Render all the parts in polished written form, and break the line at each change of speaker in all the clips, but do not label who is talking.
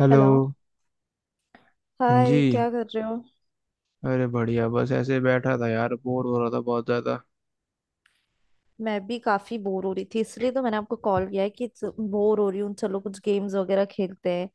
Hello.
Hello.
हाँ जी।
Hi, क्या कर रहे हो।
अरे बढ़िया, बस ऐसे ही बैठा था यार, बोर हो रहा था बहुत ज्यादा।
मैं भी काफी बोर हो रही थी, इसलिए तो मैंने आपको कॉल किया है कि बोर हो रही हूँ। चलो कुछ गेम्स वगैरह खेलते हैं।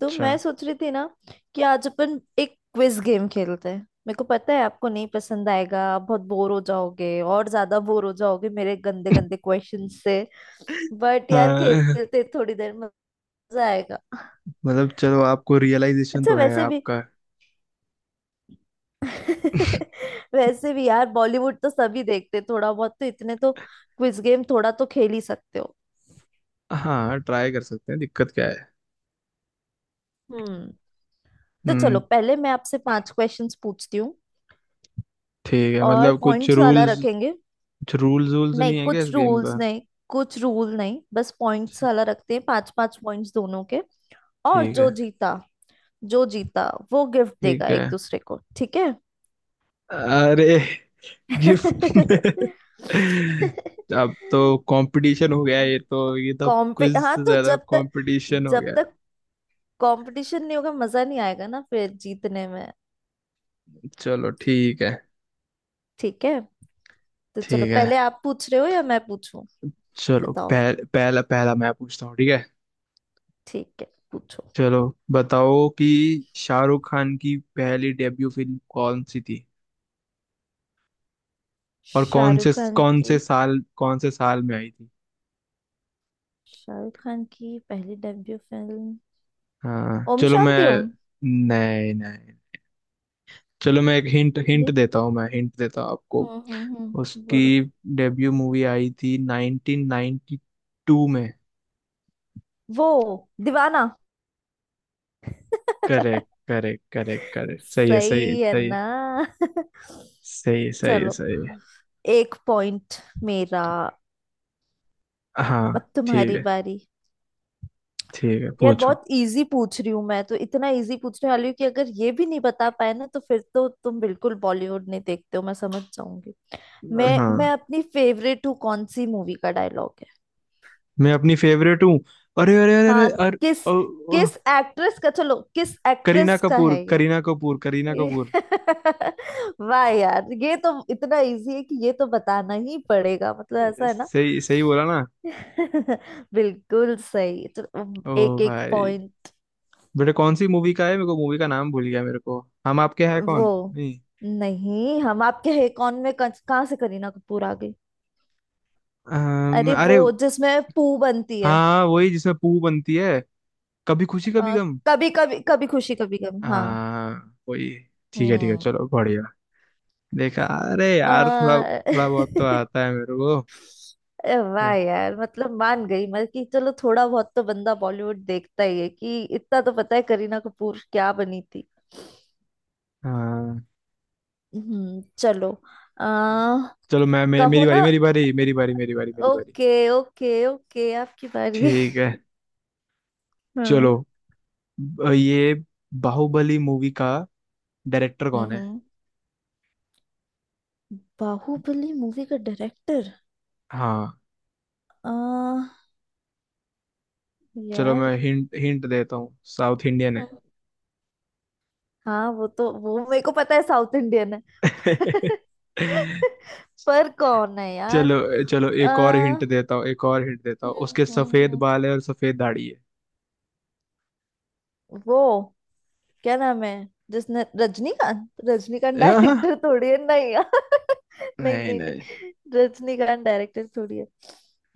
तो मैं सोच रही थी ना कि आज अपन एक क्विज गेम खेलते हैं। मेरे को पता है आपको नहीं पसंद आएगा, आप बहुत बोर हो जाओगे, और ज्यादा बोर हो जाओगे मेरे गंदे गंदे क्वेश्चन से। बट यार
हाँ,
खेलते हैं, थोड़ी देर में मजा आएगा।
मतलब चलो, आपको रियलाइजेशन
अच्छा
तो है
वैसे भी
आपका।
वैसे भी यार बॉलीवुड तो सभी देखते हैं, थोड़ा बहुत तो, इतने तो क्विज गेम थोड़ा तो खेल ही सकते हो।
हाँ ट्राई कर सकते हैं, दिक्कत क्या है।
हम्म। तो चलो
हम्म।
पहले मैं आपसे पांच क्वेश्चंस पूछती हूँ
ठीक है,
और
मतलब कुछ
पॉइंट्स वाला
रूल्स,
रखेंगे।
कुछ रूल्स वूल्स
नहीं
नहीं है क्या इस
कुछ
गेम
रूल्स
का?
नहीं, कुछ रूल नहीं, बस पॉइंट्स
अच्छा,
वाला रखते हैं, पांच पांच पॉइंट्स दोनों के। और
ठीक है।
जो जीता, जो जीता वो गिफ्ट देगा
ठीक है।
एक दूसरे को, ठीक है।
अरे गिफ्ट अब तो कंपटीशन हो गया, ये तो
कॉम्पि
कुछ
हाँ, तो
ज्यादा
जब तक
कंपटीशन हो
जब
गया।
तक कंपटीशन नहीं होगा मजा नहीं आएगा ना फिर जीतने में।
चलो ठीक है।
ठीक है, तो चलो
ठीक है
पहले आप पूछ रहे हो या मैं पूछूं।
चलो,
बताओ,
पहला पहला मैं पूछता हूँ ठीक है।
ठीक है पूछो।
चलो बताओ कि शाहरुख खान की पहली डेब्यू फिल्म कौन सी थी, और
शाहरुख खान
कौन से
की
साल में आई थी।
शाहरुख खान की पहली डेब्यू फिल्म
हाँ
ओम
चलो मैं,
शांति ओम।
नहीं नहीं, चलो मैं एक हिंट हिंट
ये
देता हूँ, मैं हिंट देता हूँ आपको।
बोलो।
उसकी डेब्यू मूवी आई थी 1992 में।
वो Deewana.
Correct correct correct correct, सही है सही है
सही है
सही है।
ना।
सही है सही है
चलो
सही है।
एक पॉइंट मेरा।
हाँ
अब
ठीक
तुम्हारी
है।
बारी।
ठीक है
यार
पूछो।
बहुत इजी पूछ रही हूँ मैं, तो इतना इजी पूछने वाली हूँ कि अगर ये भी नहीं बता पाए ना, तो फिर तो तुम बिल्कुल बॉलीवुड नहीं देखते हो मैं समझ जाऊंगी। मैं
हाँ,
अपनी फेवरेट हूँ कौन सी मूवी का डायलॉग।
मैं अपनी फेवरेट हूँ। अरे अरे अरे
हाँ,
अरे अरे।
किस
ओ, ओ,
किस एक्ट्रेस का, चलो किस
करीना
एक्ट्रेस का
कपूर
है ये।
करीना कपूर करीना
ये-
कपूर।
वाह यार ये तो इतना इजी है कि ये तो बताना ही पड़ेगा, मतलब ऐसा है ना।
सही सही बोला ना।
बिल्कुल सही। चलो
ओ
एक एक
भाई,
पॉइंट।
बेटा कौन सी मूवी का है, मेरे को मूवी का नाम भूल गया मेरे को। हम आपके हैं
वो
कौन नहीं?
नहीं, हम आपके है कौन में कहाँ से करीना कपूर आ गई। अरे वो
अरे
जिसमें पू बनती है।
हाँ वही जिसमें पू बनती है। कभी खुशी कभी
अ,
गम।
कभी कभी कभी खुशी कभी गम, हाँ।
हाँ वही। ठीक है ठीक है,
हम्म।
चलो बढ़िया। देखा, अरे यार थोड़ा
अ,
थोड़ा बहुत तो आता है मेरे को।
अरे वाह यार, मतलब मान गई मैं कि चलो थोड़ा बहुत तो बंदा बॉलीवुड देखता ही है, कि इतना तो पता है करीना कपूर क्या बनी थी।
हाँ
चलो। आ,
चलो, मैं
कहो
मेरी
ना।
बारी मेरी बारी मेरी बारी मेरी बारी मेरी बारी।
ओके ओके ओके आपकी बारी।
ठीक है
हाँ।
चलो, ये बाहुबली मूवी का डायरेक्टर कौन है?
हम्म, बाहुबली मूवी का डायरेक्टर।
हाँ
आ
चलो
यार।
मैं हिंट हिंट देता हूँ, साउथ इंडियन है।
हम्म, हाँ वो तो, वो मेरे को पता है साउथ इंडियन है। पर कौन है यार।
चलो चलो,
आ,
एक और हिंट देता हूँ, एक और हिंट देता
हम्म
हूँ, उसके
हम्म
सफेद
हम्म,
बाल है और सफेद दाढ़ी है।
वो क्या नाम है जिसने, रजनीकांत रजनीकांत
आह,
डायरेक्टर थोड़ी है, नहीं यार। नहीं
नहीं
नहीं
नहीं।
नहीं, रजनीकांत डायरेक्टर थोड़ी है।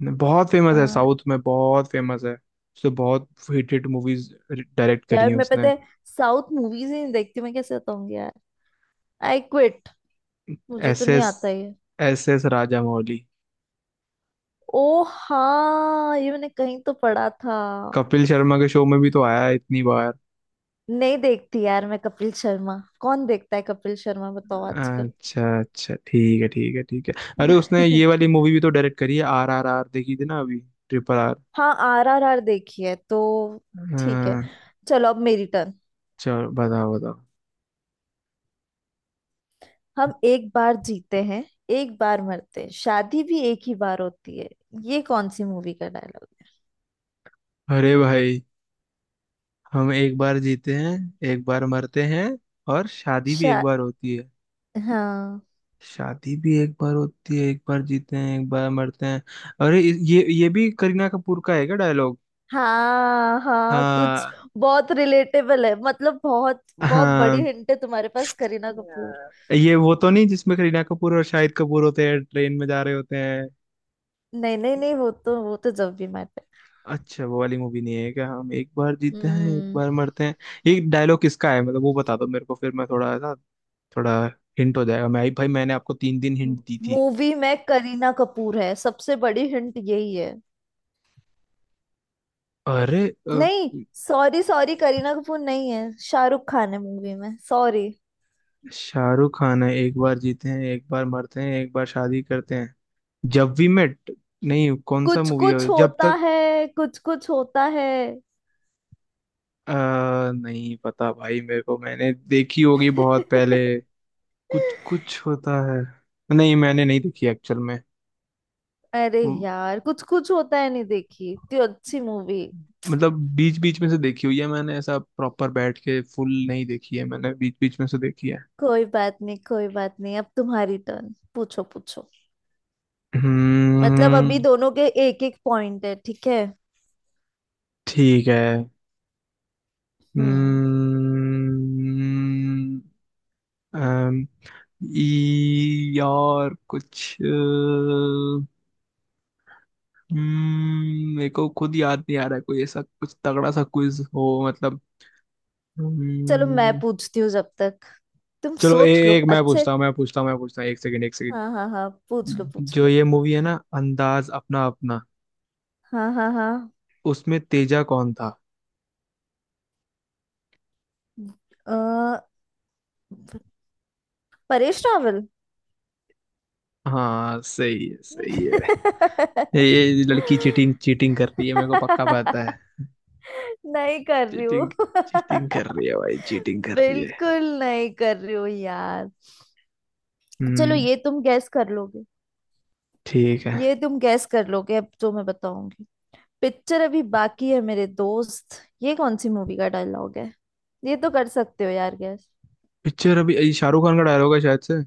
नहीं, बहुत फेमस है,
आ,
साउथ में बहुत फेमस है। उसने बहुत हिट हिट मूवीज डायरेक्ट करी
यार
हैं
मैं
उसने।
पता है साउथ मूवीज ही नहीं देखती मैं, कैसे बताऊंगी यार। आई क्विट, मुझे तो
एस
नहीं
एस
आता ये।
S S Rajamouli.
ओ हाँ ये मैंने कहीं तो पढ़ा था।
कपिल शर्मा के शो में भी तो आया है इतनी बार।
नहीं देखती यार मैं। कपिल शर्मा कौन देखता है, कपिल शर्मा बताओ आजकल।
अच्छा अच्छा ठीक है ठीक है ठीक है। अरे उसने ये वाली मूवी भी तो डायरेक्ट करी है, आर आर आर देखी थी ना अभी, ट्रिपल आर।
हाँ RRR देखी है तो। ठीक है,
हाँ
चलो अब मेरी टर्न।
चलो बताओ बताओ।
हम एक बार जीते हैं, एक बार मरते हैं, शादी भी एक ही बार होती है, ये कौन सी मूवी का डायलॉग।
अरे भाई, हम एक बार जीते हैं, एक बार मरते हैं, और शादी भी एक
शा
बार होती है।
हाँ
शादी भी एक बार होती है, एक बार जीते हैं, एक बार मरते हैं। ये भी करीना कपूर का है क्या डायलॉग?
हाँ हाँ कुछ
हाँ
बहुत रिलेटेबल है, मतलब बहुत बहुत बड़ी
हाँ।
हिंट है तुम्हारे पास, करीना कपूर।
ये वो तो नहीं जिसमें करीना कपूर और शाहिद कपूर होते हैं, ट्रेन में जा रहे होते हैं?
नहीं नहीं नहीं, वो तो, वो तो जब भी मैटर।
अच्छा वो वाली मूवी नहीं है क्या, हम एक बार जीते हैं एक
हम्म।
बार मरते हैं? ये डायलॉग किसका है मतलब, वो बता दो मेरे को, फिर मैं थोड़ा ना, थोड़ा हिंट हो जाएगा। मैं भाई, मैंने आपको तीन दिन हिंट दी थी।
मूवी में करीना कपूर है, सबसे बड़ी हिंट यही है।
अरे अ,
नहीं सॉरी सॉरी, करीना कपूर नहीं है, शाहरुख खान है मूवी में, सॉरी।
शाहरुख खान है, एक बार जीते हैं एक बार मरते हैं एक बार शादी करते हैं, जब वी मेट। नहीं कौन सा
कुछ
मूवी है
कुछ
जब
होता
तक,
है, कुछ कुछ होता है।
अ, नहीं पता भाई मेरे को, मैंने देखी होगी बहुत पहले। कुछ कुछ होता है। नहीं मैंने नहीं देखी एक्चुअल
अरे
में,
यार कुछ कुछ होता है नहीं देखी, इतनी अच्छी मूवी।
मतलब बीच बीच में से देखी हुई है मैंने, ऐसा प्रॉपर बैठ के फुल नहीं देखी है मैंने, बीच बीच में से देखी है।
कोई बात नहीं, कोई बात नहीं, अब तुम्हारी टर्न, पूछो पूछो। मतलब
हम्म
अभी दोनों के एक एक पॉइंट है, ठीक है।
ठीक है।
हम्म।
हम्म। अम, यार कुछ हम्म, मेरे को खुद याद नहीं आ रहा है कोई ऐसा कुछ तगड़ा सा क्विज हो मतलब।
चलो मैं
हम्म,
पूछती हूँ जब तक, तुम
चलो
सोच लो
एक मैं
अच्छे।
पूछता हूँ मैं पूछता हूँ मैं पूछता हूँ, एक सेकंड एक सेकंड।
हाँ हाँ हाँ पूछ लो पूछ
जो
लो।
ये मूवी है ना, अंदाज अपना अपना,
हाँ हाँ हाँ।
उसमें तेजा कौन था?
अ, परेश रावल।
हाँ सही है सही है। ये लड़की चीटिंग चीटिंग कर रही है, मेरे को पक्का पता है।
नहीं कर रही
चीटिंग
हूँ
चीटिंग कर रही है भाई, चीटिंग कर रही है।
बिल्कुल नहीं कर रही हूँ यार। चलो
हम्म।
ये तुम गैस कर लोगे,
ठीक है।
ये तुम गैस कर लोगे। अब जो मैं बताऊंगी, पिक्चर अभी बाकी है मेरे दोस्त, ये कौन सी मूवी का डायलॉग है, ये तो कर सकते हो यार गैस।
पिक्चर अभी, ये शाहरुख खान का डायलॉग है शायद से,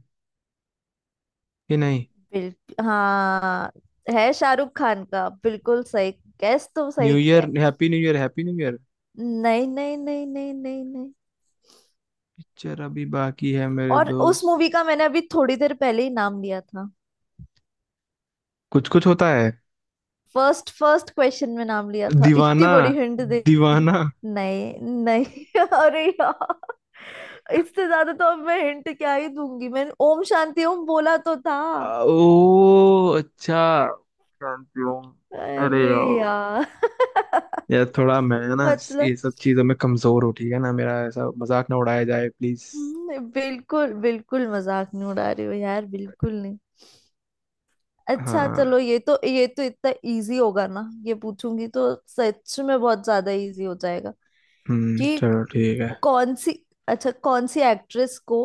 कि नहीं?
बिल्कुल हाँ, है शाहरुख खान का, बिल्कुल सही गैस तो
न्यू
सही किया
ईयर
है।
Happy new year happy new year.
नहीं नहीं नहीं नहीं नहीं नहीं।
पिक्चर अभी बाकी है मेरे
और उस
दोस्त।
मूवी का मैंने अभी थोड़ी देर पहले ही नाम लिया था,
कुछ कुछ होता है।
फर्स्ट फर्स्ट क्वेश्चन में नाम लिया था, इतनी
दीवाना
बड़ी हिंट दे दी।
दीवाना।
नहीं नहीं। अरे यार इससे ज्यादा तो अब मैं हिंट क्या ही दूंगी, मैंने ओम शांति ओम बोला तो था।
ओ अच्छा। Champion. अरे
अरे
यार,
यार
यार थोड़ा मैं ना,
मतलब।
ये सब चीजों में कमजोर हूँ ठीक है ना, मेरा ऐसा मजाक ना उड़ाया जाए प्लीज।
बिल्कुल बिल्कुल मजाक नहीं उड़ा रही हो यार, बिल्कुल नहीं। अच्छा चलो,
हाँ
ये तो, ये तो इतना इजी होगा ना, ये पूछूंगी तो सच में बहुत ज्यादा इजी हो जाएगा,
हम्म,
कि
चलो ठीक है।
कौन सी, अच्छा कौन सी एक्ट्रेस को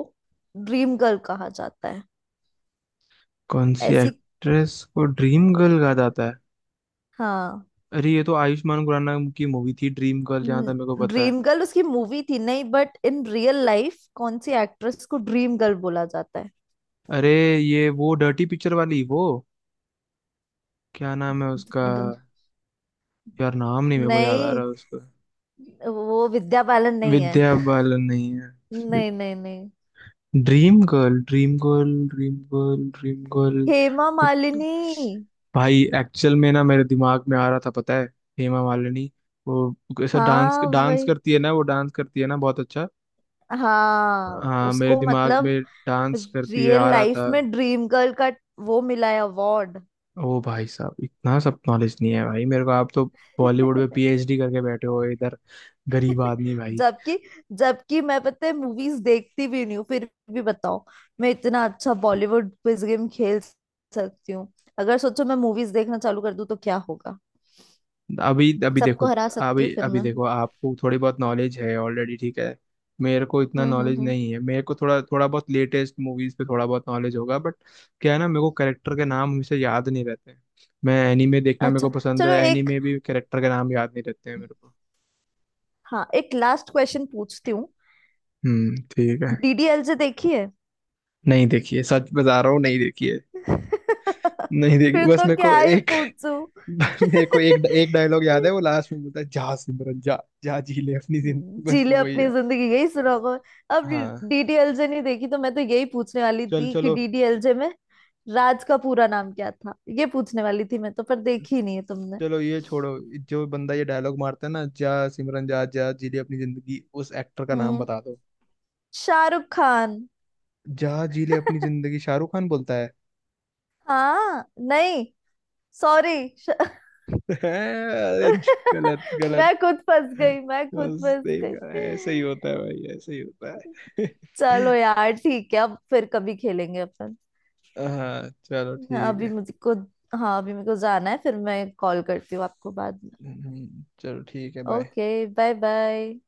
ड्रीम गर्ल कहा जाता है।
कौन सी
ऐसी
एक्ट्रेस को ड्रीम गर्ल कहा जाता है?
हाँ।
अरे ये तो आयुष्मान खुराना की मूवी थी ड्रीम गर्ल, जहाँ तक मेरे को पता है।
ड्रीम गर्ल उसकी मूवी थी नहीं, बट इन रियल लाइफ कौन सी एक्ट्रेस को ड्रीम गर्ल बोला जाता है।
अरे ये वो डर्टी पिक्चर वाली वो, क्या नाम है उसका,
द-
यार नाम नहीं मेरे को याद आ
नहीं
रहा है उसका।
वो विद्या बालन नहीं
विद्या
है।
बालन नहीं है?
नहीं नहीं नहीं।
Dream girl dream girl dream girl dream girl.
Hema
कुछ,
मालिनी।
भाई एक्चुअल में ना मेरे दिमाग में आ रहा था पता है, हेमा मालिनी, वो ऐसा डांस
हाँ
डांस
वही,
करती है ना, वो डांस करती है ना बहुत अच्छा।
हाँ।
हाँ मेरे
उसको
दिमाग
मतलब
में डांस करती है
रियल
आ रहा
लाइफ
था।
में ड्रीम गर्ल का वो मिला है अवार्ड।
ओ भाई साहब, इतना सब नॉलेज नहीं है भाई मेरे को, आप तो बॉलीवुड में पीएचडी करके बैठे हो इधर, गरीब आदमी भाई।
जबकि, जबकि मैं पता है मूवीज देखती भी नहीं हूँ, फिर भी बताओ, मैं इतना अच्छा बॉलीवुड क्विज गेम खेल सकती हूँ। अगर सोचो मैं मूवीज देखना चालू कर दूँ तो क्या होगा,
अभी अभी देखो।
सबको हरा सकती हूँ
अभी
फिर
अभी
मैं।
देखो, आपको थोड़ी बहुत नॉलेज है ऑलरेडी ठीक है। मेरे को इतना नॉलेज
हम्म।
नहीं है, मेरे को थोड़ा, थोड़ा बहुत लेटेस्ट मूवीज पे थोड़ा बहुत नॉलेज होगा, बट क्या है ना, मेरे को कैरेक्टर के नाम हमेशा याद नहीं रहते हैं। मैं एनीमे देखना मेरे
अच्छा
को पसंद है,
चलो एक,
एनीमे भी कैरेक्टर के नाम याद नहीं रहते हैं मेरे को।
हाँ एक लास्ट क्वेश्चन पूछती हूँ।
ठीक है।
डीडीएल से देखी है।
नहीं देखिए, सच बता रहा हूँ, नहीं देखिए। नहीं देखिए,
फिर
बस
तो
मेरे को
क्या ही
एक,
पूछूं।
मेरे को एक एक डायलॉग याद है, वो लास्ट में बोलता है, जा सिमरन जा, जा जी ले अपनी जिंदगी,
जी
बस
ले
वही
अपनी
याद।
जिंदगी, यही सुना होगा अब।
हाँ
डीडीएलजे नहीं देखी तो मैं तो यही पूछने वाली
चल
थी कि
चलो।
डीडीएलजे में राज का पूरा नाम क्या था, ये पूछने वाली थी मैं तो, पर देखी नहीं है तुमने।
चलो ये छोड़ो, जो बंदा ये डायलॉग मारता है ना, जा सिमरन जा जा जी ले अपनी जिंदगी, उस एक्टर का नाम
हम्म
बता दो।
शाहरुख खान।
जा जी ले अपनी जिंदगी शाहरुख खान बोलता है?
हाँ। नहीं सॉरी।
अरे गलत गलत।
मैं खुद फंस गई, मैं खुद
बस
फंस
देखा, ऐसा ही
गई।
होता है भाई, ऐसा ही होता है।
चलो यार ठीक है, अब फिर कभी खेलेंगे अपन।
हाँ चलो
हाँ,
ठीक
अभी
है।
मुझे को हाँ अभी मेरे को जाना है, फिर मैं कॉल करती हूँ आपको बाद में।
चलो ठीक है, बाय।
Okay bye bye.